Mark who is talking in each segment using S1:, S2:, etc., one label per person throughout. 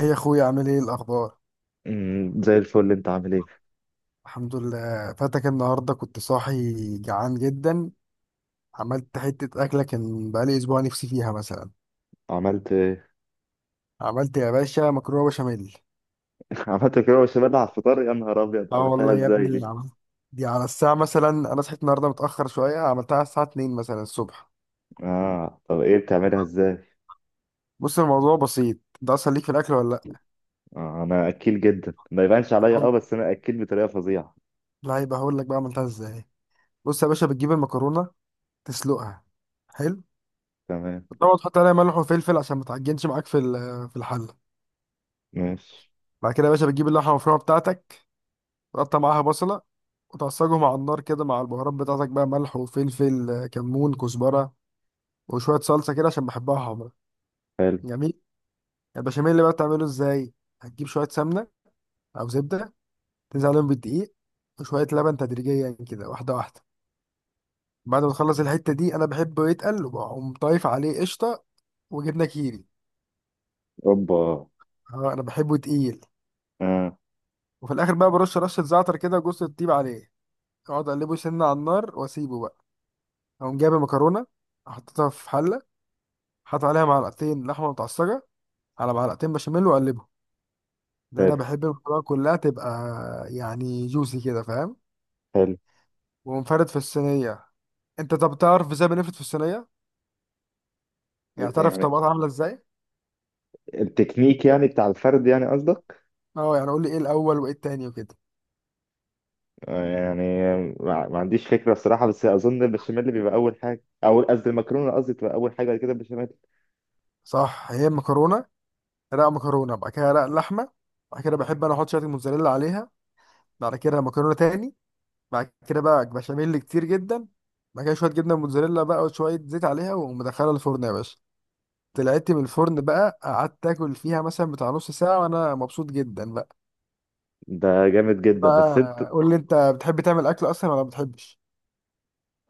S1: ايه يا اخويا؟ عامل ايه؟ الاخبار؟
S2: زي الفل، انت عامل ايه؟
S1: الحمد لله. فاتك النهارده كنت صاحي جعان جدا. عملت حته اكله كان بقالي اسبوع نفسي فيها مثلا.
S2: عملت ايه؟
S1: عملت يا باشا مكرونه بشاميل.
S2: عملت كده بشاميل على الفطار؟ يا نهار ابيض،
S1: اه
S2: عملتها
S1: والله يا
S2: ازاي
S1: ابني
S2: دي؟
S1: عملت. دي على الساعه مثلا، انا صحيت النهارده متاخر شويه، عملتها على الساعه 2 مثلا الصبح.
S2: اه طب ايه، بتعملها ازاي؟
S1: بص، الموضوع بسيط. ده اصلا ليك في الاكل ولا لا؟
S2: آه انا اكيل جدا، ما يبانش عليا، اه
S1: هقول-
S2: بس انا اكيل بطريقه فظيعه.
S1: لا، يبقى هقول لك بقى عملتها ازاي. بص يا باشا، بتجيب المكرونه، تسلقها. حلو.
S2: تمام.
S1: طبعا تحط عليها ملح وفلفل عشان ما تعجنش معاك في الحله.
S2: ماشي.
S1: بعد كده يا باشا بتجيب اللحمه المفرومه بتاعتك، تقطع معاها بصلة وتعصجهم على النار كده مع البهارات بتاعتك بقى، ملح وفلفل آه، كمون، كزبرة وشوية صلصة كده عشان بحبها حمرا.
S2: حلو.
S1: جميل. البشاميل اللي بقى بتعمله ازاي؟ هتجيب شوية سمنة أو زبدة، تنزل عليهم بالدقيق وشوية لبن تدريجيا كده، واحدة واحدة. بعد ما تخلص الحتة دي أنا بحبه يتقل، وبقوم طايف عليه قشطة وجبنة كيري.
S2: اوبا.
S1: اه أنا بحبه تقيل.
S2: اه.
S1: وفي الآخر بقى برش رشة زعتر كده وجوز الطيب عليه، أقعد أقلبه سنة على النار وأسيبه بقى. أقوم جايب المكرونة، حطيتها في حلة، حط عليها معلقتين لحمه متعصجه، على معلقتين بشاميل وقلبهم، لان انا
S2: حلو.
S1: بحب المكرونه كلها تبقى يعني جوسي كده فاهم.
S2: حلو.
S1: ومنفرد في الصينيه. انت طب تعرف ازاي بنفرد في الصينيه؟ يعني تعرف
S2: يعني
S1: الطبقات عامله ازاي؟
S2: التكنيك يعني بتاع الفرد، يعني قصدك؟
S1: اه يعني قول لي ايه الاول وايه التاني وكده.
S2: يعني ما عنديش فكره بصراحه، بس اظن البشاميل بيبقى اول حاجه، او قصدي المكرونه، قصدي تبقى اول حاجه، بعد كده البشاميل.
S1: صح، هي المكرونه رق مكرونه، بعد كده رق لحمه، بعد كده بحب انا احط شويه الموتزاريلا عليها، بعد كده مكرونه تاني، بعد كده بقى بشاميل كتير جدا، بعد كده شويه جبنه موتزاريلا بقى وشويه زيت عليها، ومدخلها الفرن يا باشا. طلعت من الفرن بقى، قعدت اكل فيها مثلا بتاع نص ساعة وانا مبسوط جدا بقى.
S2: ده جامد جدا، بس انت...
S1: بقى قول لي انت، بتحب تعمل اكل اصلا ولا ما بتحبش؟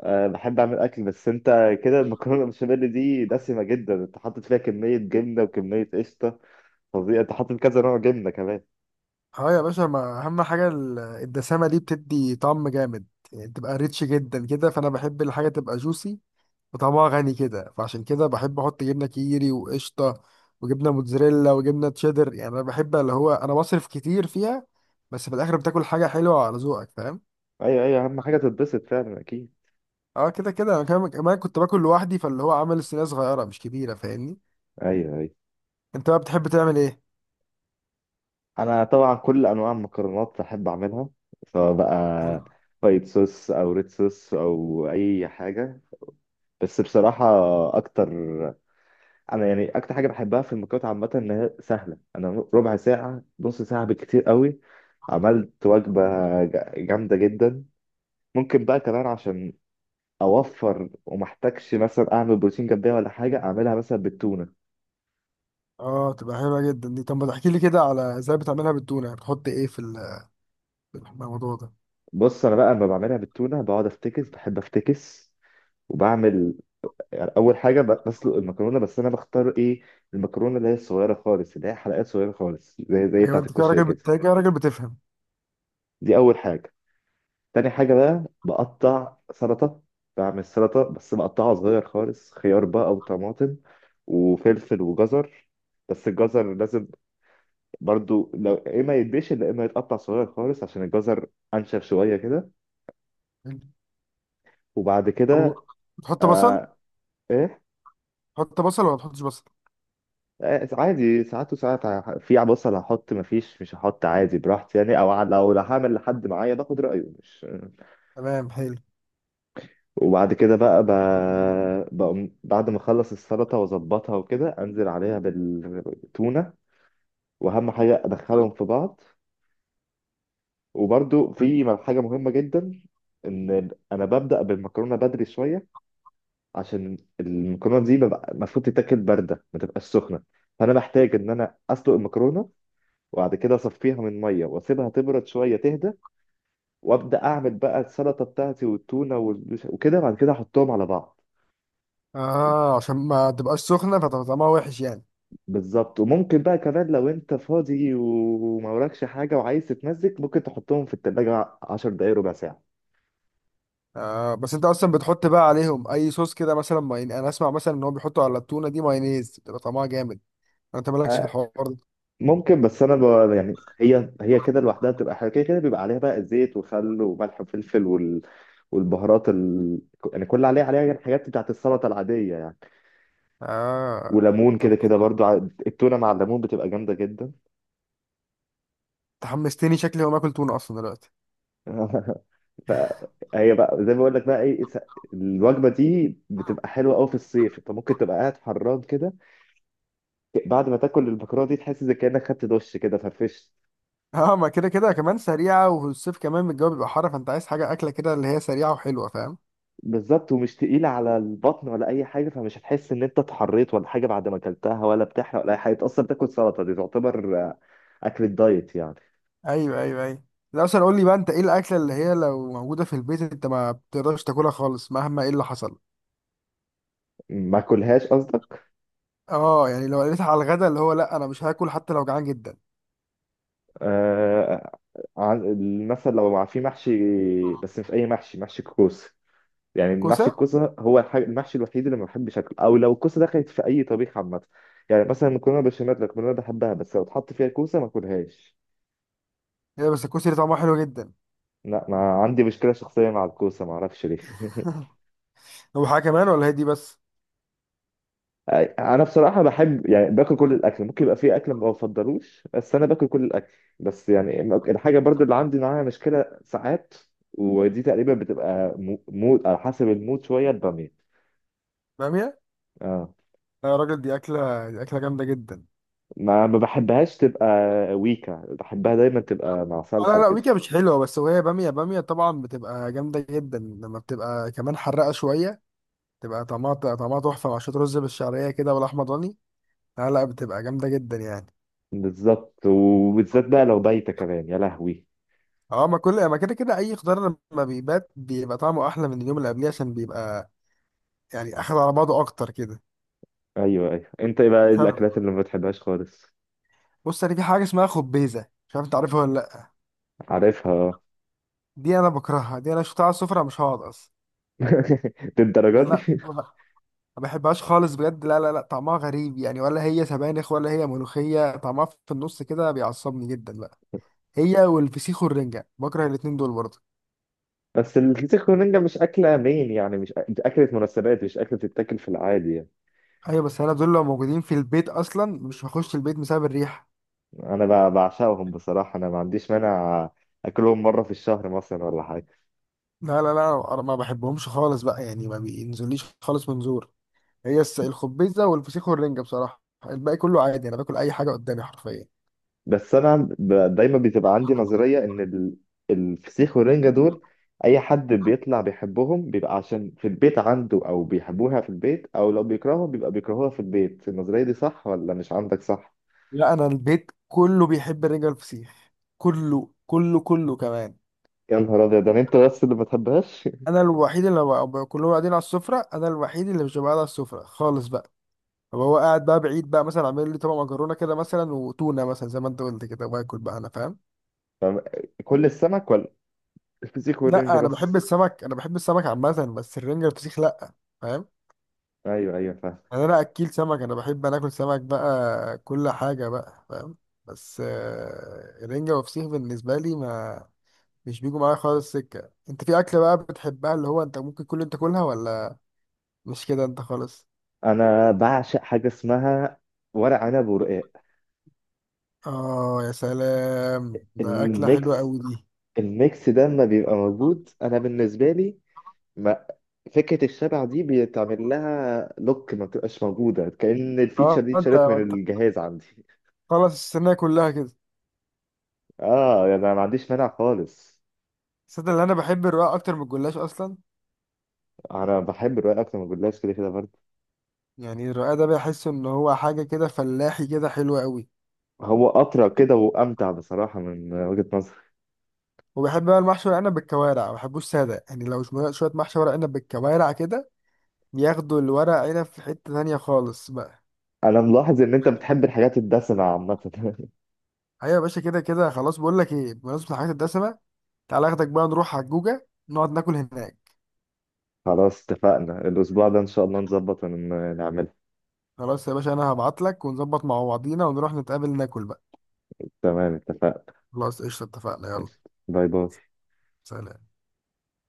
S2: أه بحب أعمل أكل، بس أنت كده المكرونة البشاميل دي دسمة جدا، أنت حاطط فيها كمية جبنة وكمية قشطة فظيعة، أنت حاطط كذا نوع جبنة كمان.
S1: اه يا باشا، ما اهم حاجة الدسامة دي بتدي طعم جامد. يعني تبقى ريتش جدا كده، فانا بحب الحاجة تبقى جوسي وطعمها غني كده، فعشان كده بحب احط جبنة كيري وقشطة وجبنة موتزاريلا وجبنة تشيدر. يعني انا بحب اللي هو انا بصرف كتير فيها. بس في الاخر بتاكل حاجة حلوة على ذوقك، فاهم.
S2: أيوه أيوه، أهم حاجة تتبسط فعلا، أكيد.
S1: اه، كده كده انا كمان كمان كنت باكل لوحدي، فاللي هو عامل الصينيه صغيره مش كبيره، فاهمني.
S2: أيوه أيوه.
S1: انت بقى بتحب تعمل ايه؟
S2: أنا طبعا كل أنواع المكرونات بحب أعملها، سواء بقى وايت صوص أو ريد صوص أو أي حاجة. بس بصراحة أكتر، أنا يعني أكتر حاجة بحبها في المكرونات عامة إن هي سهلة، أنا ربع ساعة نص ساعة بالكتير قوي عملت وجبة جامدة جدا. ممكن بقى كمان عشان اوفر، ومحتاجش مثلا اعمل بروتين جنبيها ولا حاجه، اعملها مثلا بالتونه.
S1: اه تبقى حلوه جدا دي. طب ما تحكي لي كده على ازاي بتعملها بالتونه، يعني بتحط ايه في الموضوع ده؟
S2: بص انا بقى لما بعملها بالتونه بقعد افتكس، بحب افتكس. وبعمل يعني اول حاجه بسلق المكرونه، بس انا بختار ايه؟ المكرونه اللي هي الصغيره خالص، اللي هي حلقات صغيره خالص، زي
S1: ايوه،
S2: بتاعه
S1: انت كده
S2: الكشري
S1: راجل
S2: كده.
S1: كده راجل بتفهم.
S2: دي اول حاجه. تاني حاجه بقى بقطع سلطه، بعمل سلطه بس بقطعها صغير خالص، خيار بقى او طماطم وفلفل وجزر. بس الجزر لازم برضو، لو يا اما يتبشر يا اما يتقطع صغير خالص، عشان الجزر انشف شويه كده. وبعد
S1: طب
S2: كده...
S1: بتحط بصل؟
S2: آه. ايه؟
S1: تحط بصل ولا ما تحطش بصل؟
S2: آه عادي، ساعات وساعات في بصل هحط، مفيش مش هحط، عادي براحتي يعني، او لو هعمل لحد معايا باخد رايه، مش
S1: تمام حلو.
S2: وبعد كده بقى بقوم بعد ما اخلص السلطه واظبطها وكده، انزل عليها بالتونه، واهم حاجه ادخلهم في بعض. وبرضو في حاجه مهمه جدا، ان انا ببدا بالمكرونه بدري شويه، عشان المكرونه دي ببقى المفروض تتاكل بارده، ما تبقاش سخنه. فانا بحتاج ان انا اسلق المكرونه، وبعد كده اصفيها من ميه، واسيبها تبرد شويه تهدى، وابدا اعمل بقى السلطه بتاعتي والتونه وكده، بعد كده احطهم على بعض.
S1: اه عشان ما تبقاش سخنه فتبقى طعمها وحش يعني.
S2: بالظبط، وممكن بقى كمان لو انت فاضي وما وراكش حاجه وعايز تتمزج، ممكن تحطهم في التلاجة 10 دقايق 1/4 ساعه.
S1: آه بس انت اصلا بتحط بقى عليهم اي صوص كده مثلا؟ ماين انا اسمع مثلا ان هو بيحطوا على التونه دي مايونيز بتبقى طعمها جامد. انت مالكش في
S2: آه،
S1: الحوار ده؟
S2: ممكن، بس انا يعني هي كده لوحدها بتبقى حلوه، كده كده بيبقى عليها بقى الزيت وخل وملح وفلفل والبهارات يعني كل اللي عليها عليها، يعني الحاجات بتاعت السلطه العاديه يعني.
S1: اه.
S2: وليمون
S1: طب
S2: كده كده برضو، التونه مع الليمون بتبقى جامده جدا.
S1: تحمستني، شكلي هقوم اكل تونه اصلا دلوقتي.
S2: فهي بقى زي ما بقول لك بقى ايه، الوجبه دي بتبقى حلوه قوي في الصيف، انت ممكن تبقى قاعد حران كده، بعد ما تاكل البكره دي تحس زي كانك خدت دش كده، فرفشت.
S1: اه ما كده كده كمان سريعه، والصيف كمان الجو بيبقى حر، فانت عايز حاجه اكله كده اللي هي سريعه وحلوه فاهم.
S2: بالظبط، ومش تقيله على البطن ولا اي حاجه، فمش هتحس ان انت اتحريت ولا حاجه بعد ما اكلتها، ولا بتحرق ولا اي حاجه، اصلا بتاكل سلطه، دي تعتبر اكل الدايت يعني.
S1: ايوه ايوه ايوه. لا اصلا قول لي بقى، انت ايه الاكله اللي هي لو موجوده في البيت انت ما بتقدرش تاكلها خالص مهما ايه اللي حصل؟
S2: ما اكلهاش.
S1: اه يعني لو قلت على الغدا اللي هو لا انا مش هاكل حتى لو جعان جدا.
S2: آه مثلا لو في محشي، بس مش اي محشي، محشي الكوسه. يعني محشي
S1: كوسه.
S2: الكوسه هو المحشي الوحيد اللي ما بحبش اكله، او لو الكوسه دخلت في اي طبيخ عامه. يعني مثلا المكرونه بشاميل، المكرونه بحبها، بس لو اتحط فيها كوسه ما اكلهاش.
S1: هي بس الكوسه دي طعمها حلو جدا.
S2: لا، ما عندي مشكله شخصيه مع الكوسه، ما اعرفش ليه.
S1: هو حاجه كمان ولا هي دي بس؟
S2: انا بصراحه بحب يعني باكل كل الاكل، ممكن يبقى في اكل ما بفضلوش، بس انا باكل كل الاكل. بس يعني الحاجه برضو اللي عندي معاها مشكله ساعات، ودي تقريبا بتبقى مود، على حسب المود شويه، الباميه.
S1: باميه.
S2: اه،
S1: لا يا راجل دي اكله، دي اكله جامده جدا.
S2: ما بحبهاش تبقى. ويكا بحبها دايما تبقى مع
S1: آه،
S2: صلصه
S1: لا لا
S2: وكده.
S1: ويكا مش حلوة، بس وهي بامية بامية طبعا بتبقى جامدة جدا لما بتبقى كمان حرقة شوية. تبقى طعمها تحفة مع شوية رز بالشعرية كده والأحمر ضاني. لا لا بتبقى جامدة جدا يعني.
S2: بالظبط، وبالذات بقى لو بايته كمان، يا لهوي.
S1: اه ما كل ما كده كده أي خضار لما بيبات بيبقى طعمه أحلى من اليوم اللي قبليه، عشان بيبقى يعني أخد على بعضه أكتر كده.
S2: ايوه ايوه. انت ايه بقى، إيه
S1: فرق.
S2: الاكلات اللي ما بتحبهاش خالص؟
S1: بص أنا في حاجة اسمها خبيزة، مش عارف أنت عارفها ولا لأ.
S2: عارفها، اه.
S1: دي أنا بكرهها. دي أنا شفتها على السفرة مش هقعد أصلا.
S2: للدرجه
S1: يعني
S2: دي؟
S1: لا. ما بحبهاش خالص بجد، لا لا لا، طعمها غريب يعني، ولا هي سبانخ ولا هي ملوخية، طعمها في النص كده بيعصبني جدا بقى. هي والفسيخ والرنجة بكره الاتنين دول برضه.
S2: بس الفسيخ والرنجة مش أكلة مين يعني، مش أ- دي أكلة مناسبات، مش أكلة تتاكل في العادي يعني.
S1: ايوه بس انا دول لو موجودين في البيت اصلا مش هخش البيت بسبب الريحة.
S2: أنا بعشقهم بصراحة، أنا ما عنديش مانع أكلهم مرة في الشهر مثلا ولا حاجة.
S1: لا لا لا انا ما بحبهمش خالص بقى، يعني ما بينزليش خالص منظور. هي الخبيزة والفسيخ والرنجة بصراحة. الباقي كله عادي انا باكل اي حاجة قدامي حرفيا.
S2: بس أنا دايما بتبقى عندي نظرية إن الفسيخ والرنجة دول، أي حد بيطلع بيحبهم بيبقى عشان في البيت عنده أو بيحبوها في البيت، أو لو بيكرههم بيبقى بيكرهوها في البيت. النظرية دي صح ولا مش عندك صح؟
S1: لا انا البيت كله بيحب الرنجة والفسيخ، كله كله كله كمان.
S2: يا نهار أبيض، ده أنت بس اللي ما تحبهاش.
S1: انا الوحيد اللي بقى كلهم قاعدين على السفره، انا الوحيد اللي مش ببقى قاعد على السفره خالص بقى. طب هو قاعد بقى بعيد بقى مثلا، عامل لي طبق مكرونه كده مثلا وتونه مثلا زي ما انت قلت كده، واكل بقى انا فاهم.
S2: طب كل السمك، ولا الفسيخ والرنجة
S1: لا انا بحب
S2: بس؟
S1: السمك، انا بحب السمك عامه، بس الرنجه والفسيخ لا. فاهم.
S2: ايوه ايوه، فاهم.
S1: يعني انا اكيل سمك، انا بحب انا اكل سمك بقى كل حاجه بقى فاهم. بس آه، الرنجه والفسيخ بالنسبه لي ما، مش بيجوا معايا خالص سكه. انت في اكله بقى بتحبها اللي هو انت ممكن كل انت تاكلها ولا مش كده انت خالص؟
S2: انا بعشق حاجه اسمها ورق عنب ورقاق،
S1: اه يا سلام، ده اكله حلوه
S2: الميكس.
S1: قوي دي.
S2: الميكس ده لما بيبقى موجود انا بالنسبه لي، ما فكره الشبع دي بيتعمل لها لوك، ما بتبقاش موجوده، كأن الفيتشر
S1: اه
S2: دي
S1: انت
S2: اتشالت من
S1: انت
S2: الجهاز عندي.
S1: خلص السنه كلها كده.
S2: اه يعني انا ما عنديش مانع خالص.
S1: صدق اللي انا بحب الرقاق اكتر من الجلاش اصلا.
S2: انا بحب الرقاق اكتر من الجلاش كده كده برضه.
S1: يعني الرقاق ده بحس ان هو حاجه كده فلاحي كده حلوه قوي.
S2: هو اطرى كده وامتع بصراحه من وجهه نظري.
S1: وبحب بقى المحشي ورق عنب بالكوارع، ما بحبوش ساده يعني، لو شويه شوية محشي ورق عنب بالكوارع كده ياخدوا الورق عنب في حته تانية خالص بقى.
S2: انا ملاحظ ان انت بتحب الحاجات الدسمه عامه.
S1: ايوه يا باشا، كده كده خلاص. بقول لك ايه، بمناسبه الحاجات الدسمه تعالى اخدك بقى نروح على الجوجه نقعد ناكل هناك.
S2: خلاص اتفقنا، الأسبوع ده إن شاء الله نظبط نعملها.
S1: خلاص يا باشا انا هبعت لك ونظبط مع بعضينا ونروح نتقابل ناكل بقى.
S2: تمام اتفقنا.
S1: خلاص قشطة، اتفقنا، يلا.
S2: ماشي. باي باي.
S1: سلام.